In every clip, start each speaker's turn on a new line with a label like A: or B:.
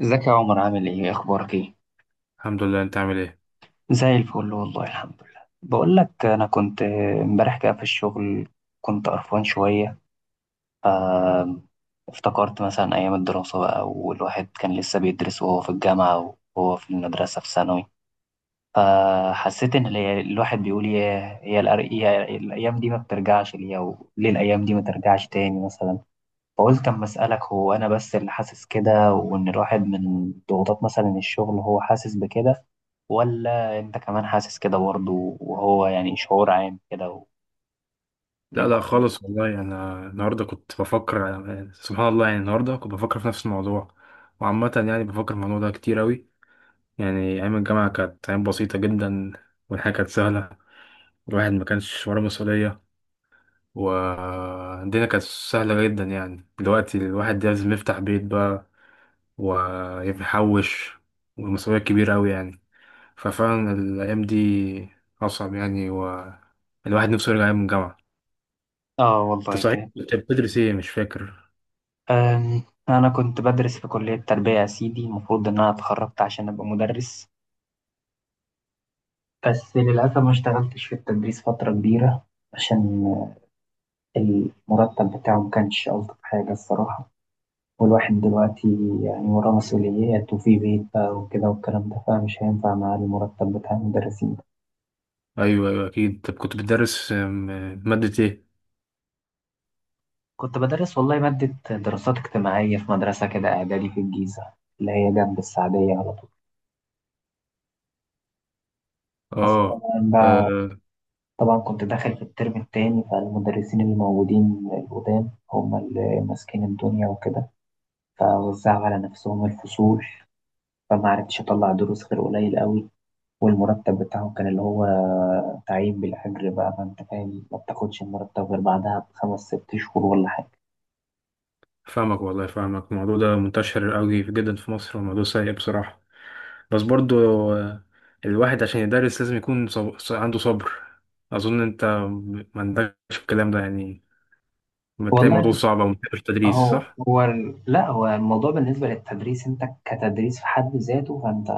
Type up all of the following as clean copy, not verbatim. A: ازيك يا عمر، عامل ايه؟ اخبارك ايه؟
B: الحمد لله، انت عامل ايه؟
A: زي الفل والله، الحمد لله. بقول لك انا كنت امبارح كده في الشغل، كنت قرفان شويه، ف افتكرت مثلا ايام الدراسه بقى، والواحد كان لسه بيدرس وهو في الجامعه وهو في المدرسه في ثانوي. فحسيت ان الواحد بيقول، يا هي الأر- يا الايام دي ما بترجعش ليا، وليه الايام دي ما ترجعش تاني مثلا؟ فقلت أما أسألك، هو أنا بس اللي حاسس كده، وإن الواحد من ضغوطات مثلا الشغل هو حاسس بكده؟ ولا أنت كمان حاسس كده برضه؟ وهو يعني شعور عام كده
B: لا
A: منكم؟
B: لا خالص والله، انا النهارده كنت بفكر. سبحان الله، يعني النهارده كنت بفكر في نفس الموضوع. وعامة يعني بفكر في الموضوع ده كتير اوي. يعني ايام الجامعة كانت ايام بسيطة جدا، والحياة كانت سهلة، الواحد ما كانش وراه مسؤولية، والدنيا كانت سهلة جدا. يعني دلوقتي الواحد لازم يفتح بيت بقى، ويحوش، والمسؤولية كبيرة اوي يعني. ففعلا الايام دي اصعب يعني، والواحد نفسه يرجع ايام الجامعة.
A: آه
B: انت
A: والله
B: صحيح
A: كان.
B: كنت بتدرس ايه؟ مش فاكر.
A: أم، أنا كنت بدرس في كلية تربية يا سيدي، المفروض إن أنا اتخرجت عشان أبقى مدرس، بس للأسف ما اشتغلتش في التدريس فترة كبيرة، عشان المرتب بتاعه ما كانش ألطف حاجة الصراحة. والواحد دلوقتي يعني وراه مسؤوليات وفي بيت بقى وكده والكلام ده، فمش هينفع معاه المرتب بتاع المدرسين ده.
B: ايوه ايوه اكيد. طب كنت بتدرس مادة ايه؟
A: كنت بدرس والله مادة دراسات اجتماعية في مدرسة كده إعدادي في الجيزة، اللي هي جنب السعدية على طول. بس طبعا
B: اه.
A: بقى
B: آه،
A: طبعا كنت داخل في الترم التاني، فالمدرسين اللي موجودين القدام هم اللي ماسكين الدنيا وكده، فوزعوا على نفسهم الفصول، فما عرفتش أطلع دروس غير قليل قوي. والمرتب بتاعه كان اللي هو تعيين بالأجر بقى، ما أنت فاهم، ما بتاخدش المرتب غير بعدها بخمس ست شهور ولا حاجة.
B: فاهمك والله، فاهمك. الموضوع ده منتشر قوي جدا في مصر، وموضوع سيء بصراحة. بس برضو، آه، الواحد عشان يدرس لازم يكون عنده صبر. اظن انت ما عندكش الكلام ده يعني، بتلاقي الموضوع
A: والله،
B: صعب وما بتحبش التدريس،
A: هو
B: صح؟
A: هو لا، هو الموضوع بالنسبة للتدريس انت، كتدريس في حد ذاته، فانت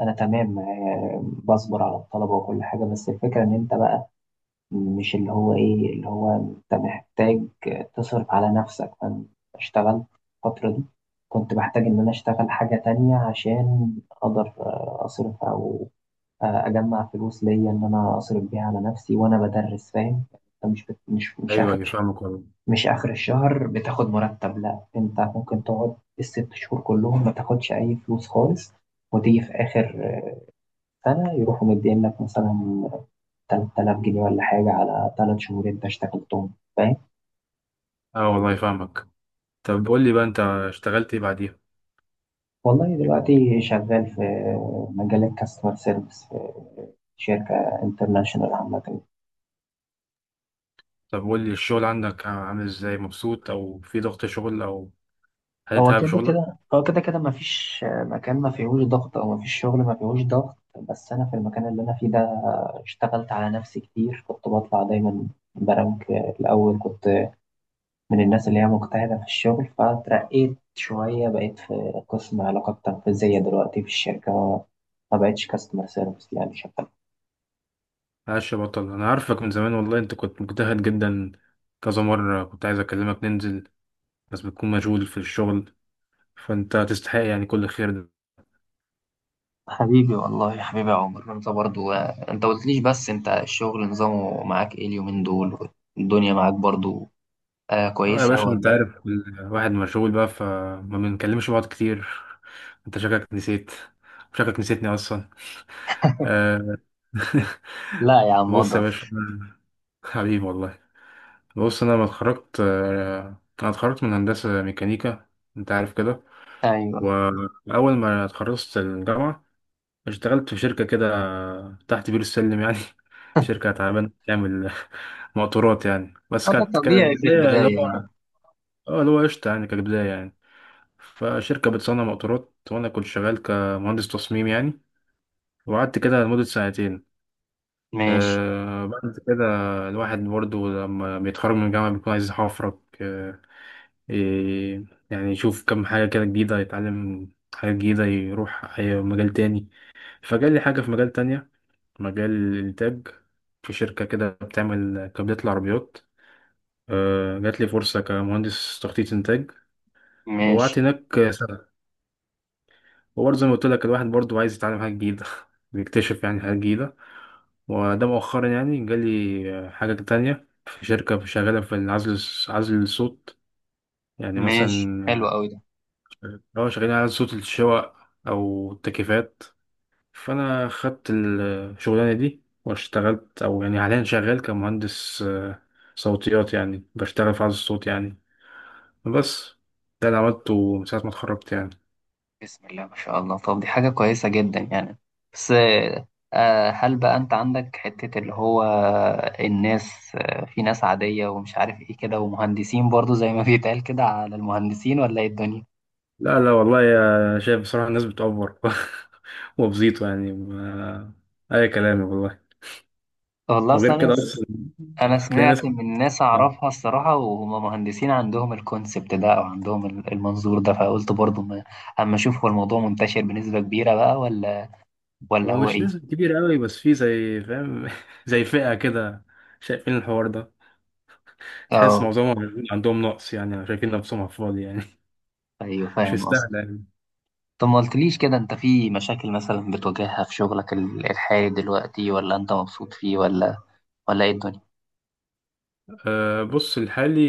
A: انا تمام، بصبر على الطلبة وكل حاجة، بس الفكرة ان انت بقى مش اللي هو ايه، اللي هو انت محتاج تصرف على نفسك. فانا اشتغلت الفترة دي، كنت بحتاج ان انا اشتغل حاجة تانية عشان اقدر اصرف، او اجمع فلوس ليا، ان انا اصرف بيها على نفسي وانا بدرس، فاهم؟ انت مش بت... مش
B: ايوه ايوه فاهمك والله.
A: مش اخر الشهر بتاخد مرتب، لا، انت ممكن تقعد الست شهور كلهم ما تاخدش اي فلوس خالص، وتيجي في اخر سنه يروحوا مدين لك مثلا 3000 جنيه ولا حاجه على ثلاث شهور انت اشتغلتهم، فاهم؟
B: اه والله فاهمك. طب قول لي بقى، انت اشتغلت ايه بعديها؟
A: والله دلوقتي شغال في مجال الكاستمر سيرفيس في شركه انترناشونال عامه.
B: طب قول لي، الشغل عندك عامل ازاي؟ مبسوط، او في ضغط شغل، او
A: هو
B: هتتعب
A: كده
B: شغلك؟
A: كده هو كده كده مفيش مكان ما فيهوش ضغط، او مفيش شغل ما فيهوش ضغط. بس انا في المكان اللي انا فيه ده، اشتغلت على نفسي كتير، كنت بطلع دايما برانك الاول، كنت من الناس اللي هي مجتهدة في الشغل، فترقيت شوية، بقيت في قسم علاقات تنفيذية دلوقتي في الشركة، ما بقتش كاستمر سيرفيس يعني شغال.
B: معلش يا بطل، انا عارفك من زمان والله، انت كنت مجتهد جدا. كذا مرة كنت عايز اكلمك ننزل، بس بتكون مشغول في الشغل. فانت تستحق يعني كل الخير ده.
A: حبيبي والله، يا حبيبي يا عمر، انت برضو انت قلتليش، بس انت الشغل نظامه معاك ايه اليومين دول؟ الدنيا معاك برضو آه
B: اه يا
A: كويسة
B: باشا، انت
A: ولا؟
B: عارف الواحد مشغول بقى فما بنكلمش بعض كتير. انت شكلك نسيت، شكلك نسيتني اصلا. آه.
A: لا يا عم،
B: بص يا باشا،
A: مقدر.
B: حبيبي والله. بص، انا لما اتخرجت، انا اتخرجت من هندسة ميكانيكا، انت عارف كده.
A: ايوه.
B: واول ما اتخرجت الجامعة، اشتغلت في شركة كده تحت بير السلم يعني. شركة تعبانة بتعمل موتورات يعني، بس
A: اه، ده
B: كانت
A: طبيعي في
B: كبداية اللي
A: البداية يعني.
B: هو، اه اللي هو قشطة يعني كبداية يعني. فشركة بتصنع موتورات وأنا كنت شغال كمهندس تصميم يعني. وقعدت كده لمدة سنتين.
A: ماشي.
B: آه، بعد كده الواحد برضه لما بيتخرج من الجامعة بيكون عايز يحفرك. ي- يعني يشوف كم حاجة كده جديدة، يتعلم حاجة جديدة، يروح أي مجال تاني. فجالي حاجة في مجال تانية، مجال الإنتاج، في شركة كده بتعمل كابلات العربيات. جات لي فرصة كمهندس تخطيط إنتاج. وقعدت
A: ماشي.
B: هناك سنة، وبرضه زي ما قلت لك الواحد برضه عايز يتعلم حاجة جديدة بيكتشف يعني حاجة جديدة. وده مؤخرا يعني جالي حاجة تانية في شركة شغالة في العزل، عزل الصوت. يعني
A: ماشي،
B: مثلا،
A: حلو قوي ده.
B: لو شغالين على صوت الشواء أو التكييفات. فانا خدت الشغلانه دي واشتغلت، او يعني حاليا شغال كمهندس صوتيات يعني، بشتغل في عزل الصوت يعني. بس ده اللي عملته من ساعه ما اتخرجت يعني.
A: بسم الله ما شاء الله، طب دي حاجة كويسة جدا يعني. بس آه، هل بقى انت عندك حتة اللي هو الناس، في ناس عادية ومش عارف ايه كده، ومهندسين برضو زي ما بيتقال كده على المهندسين، ولا ايه الدنيا؟
B: لا لا والله يا شايف، بصراحه الناس بتأفور وبزيطه يعني، ما... اي كلام والله.
A: والله
B: وغير
A: اصلا
B: كده اصلا
A: انا
B: هتلاقي ناس،
A: سمعت من ناس اعرفها الصراحه، وهم مهندسين، عندهم الكونسبت ده، او عندهم المنظور ده. فقلت برضو ما اما اشوف، هو الموضوع منتشر بنسبه كبيره بقى ولا ولا
B: هو
A: هو
B: مش
A: ايه؟
B: نسبة كبيرة قوي، بس في زي فاهم زي فئة كده، شايفين الحوار ده، تحس
A: اه،
B: معظمهم عندهم نقص يعني، شايفين نفسهم على الفاضي يعني
A: ايوه،
B: مش
A: فاهم
B: مستاهلة
A: قصدك.
B: يعني.
A: طب ما قلتليش كده، انت في مشاكل مثلا بتواجهها في شغلك الحالي دلوقتي؟ ولا انت مبسوط فيه؟ ولا ايه الدنيا؟
B: أه بص، الحالي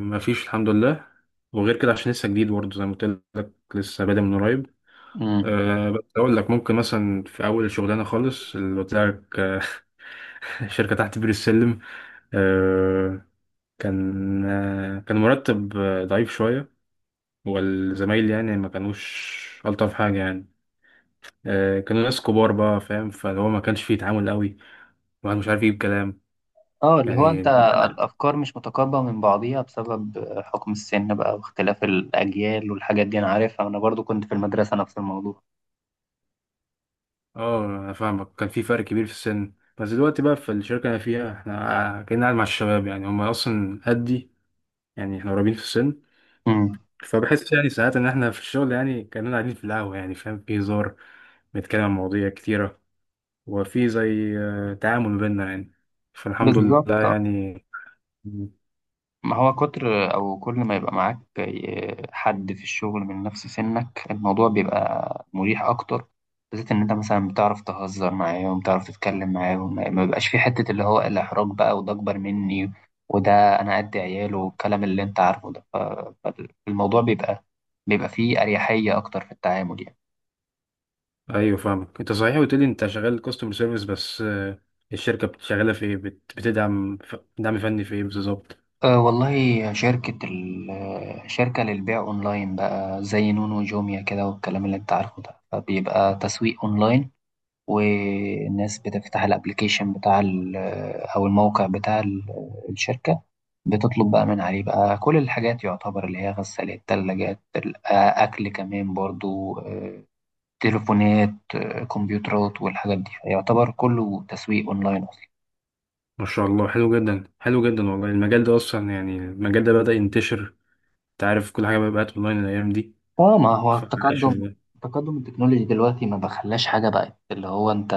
B: مفيش الحمد لله، وغير كده عشان لسه جديد برضه زي ما قلت لك، لسه بادئ من قريب.
A: امم
B: أه بس أقول لك، ممكن مثلا في أول شغلانة خالص اللي قلت لك، شركة تحت بير السلم. أه كان، أه كان مرتب ضعيف شوية، والزمايل يعني ما كانوش ألطف حاجة يعني. أه كانوا ناس كبار بقى فاهم، فهو ما كانش فيه تعامل قوي، الواحد مش عارف يجيب كلام
A: اه، اللي هو
B: يعني.
A: انت، الافكار مش متقاربه من بعضيها بسبب حكم السن بقى، واختلاف الاجيال والحاجات دي، انا عارفها، انا برضو كنت في المدرسه نفس الموضوع.
B: اه انا فاهمك، كان في فرق كبير في السن. بس دلوقتي بقى في الشركه اللي انا فيها، احنا كنا قاعد مع الشباب يعني، هم اصلا قدي يعني، احنا قريبين في السن. فبحس يعني ساعات ان احنا في الشغل يعني كاننا قاعدين في القهوه يعني، فاهم، في هزار، بنتكلم عن مواضيع كتيره، وفي زي تعامل ما بيننا يعني. فالحمد لله
A: بالظبط.
B: يعني. مم.
A: ما هو كتر او كل ما يبقى معاك حد في الشغل من نفس سنك، الموضوع بيبقى مريح اكتر، بالذات ان انت مثلا بتعرف تهزر معاهم، بتعرف تتكلم معاهم، ما بيبقاش في حتة اللي هو الاحراج بقى، وده اكبر مني، وده انا قد عياله، والكلام اللي انت عارفه ده. فالموضوع بيبقى، بيبقى فيه اريحية اكتر في التعامل يعني.
B: ايوه فاهمك. انت صحيح قلت لي انت شغال كاستمر سيرفيس، بس الشركه بتشغلها في ايه، بتدعم، دعم فني في ايه بالظبط؟
A: أه والله، شركة شركة للبيع أونلاين بقى، زي نونو وجوميا كده والكلام اللي أنت عارفه ده، فبيبقى تسويق أونلاين. والناس بتفتح الأبليكيشن بتاع أو الموقع بتاع الشركة، بتطلب بقى من عليه بقى كل الحاجات، يعتبر اللي هي غسالات، تلاجات، أكل كمان برضو، تليفونات، كمبيوترات والحاجات دي، يعتبر كله تسويق أونلاين.
B: ما شاء الله، حلو جدا، حلو جدا والله. المجال ده اصلا يعني المجال ده بدأ ينتشر، انت عارف كل حاجه بقت اونلاين الايام دي.
A: اه، ما هو
B: فعاش والله.
A: التقدم التكنولوجي دلوقتي ما بخلاش حاجة، بقت اللي هو انت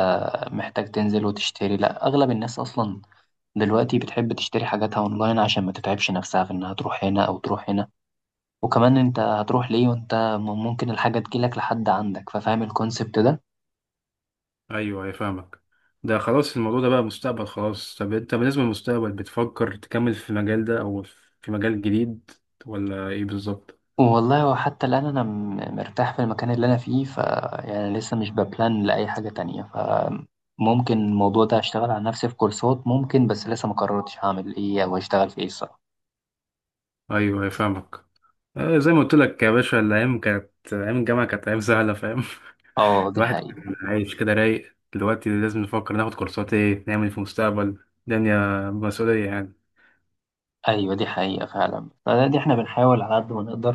A: محتاج تنزل وتشتري، لا، اغلب الناس اصلا دلوقتي بتحب تشتري حاجاتها اونلاين عشان ما تتعبش نفسها في انها تروح هنا او تروح هنا، وكمان انت هتروح ليه وانت ممكن الحاجة تجيلك لحد عندك، ففاهم الكونسبت ده.
B: ايوه ايوه فاهمك. ده خلاص الموضوع ده بقى مستقبل خلاص. طب انت بالنسبه للمستقبل بتفكر تكمل في المجال ده، او في مجال جديد، ولا ايه بالظبط؟
A: والله، وحتى الان انا مرتاح في المكان اللي انا فيه، يعني لسه مش ببلان لاي حاجة تانية. ممكن الموضوع ده اشتغل على نفسي في كورسات ممكن، بس لسه ما قررتش هعمل ايه، او اشتغل في ايه الصراحة.
B: ايوه ايوه فاهمك. زي ما قلت لك يا باشا، الايام كانت، ايام الجامعه كانت ايام سهله فاهم.
A: اه، دي
B: الواحد كان
A: حقيقة.
B: عايش كده رايق، دلوقتي لازم نفكر ناخد كورسات ايه، نعمل إيه في المستقبل، الدنيا مسؤوليه يعني.
A: ايوه، دي حقيقة فعلا. دي احنا بنحاول على قد ما نقدر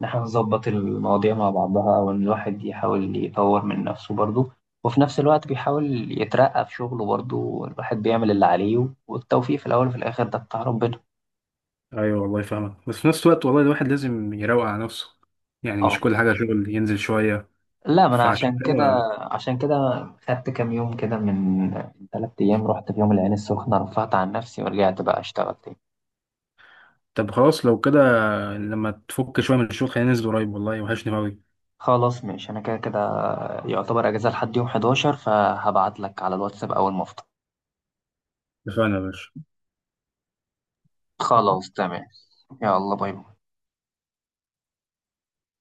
A: ان احنا نظبط المواضيع مع بعضها، او ان الواحد يحاول يطور من نفسه برضه، وفي نفس الوقت بيحاول يترقى في شغله برضه، الواحد بيعمل اللي عليه، والتوفيق في الاول وفي الاخر ده بتاع ربنا.
B: ايوه والله فاهمك، بس في نفس الوقت والله الواحد لازم يروق على نفسه، يعني مش
A: اه.
B: كل حاجه شغل، ينزل شويه.
A: لا، ما انا
B: فعشان كده،
A: عشان كده خدت كام يوم كده، من ثلاث ايام رحت في يوم العين السخنة، رفعت عن نفسي ورجعت بقى اشتغل تاني.
B: طب خلاص لو كده، لما تفك شويه من الشغل خلينا ننزل قريب والله، وحشني قوي.
A: خلاص ماشي، انا كده كده يعتبر اجازة لحد يوم 11، فهبعت لك على الواتساب اول ما.
B: اتفقنا يا باشا.
A: خلاص تمام. يلا باي باي.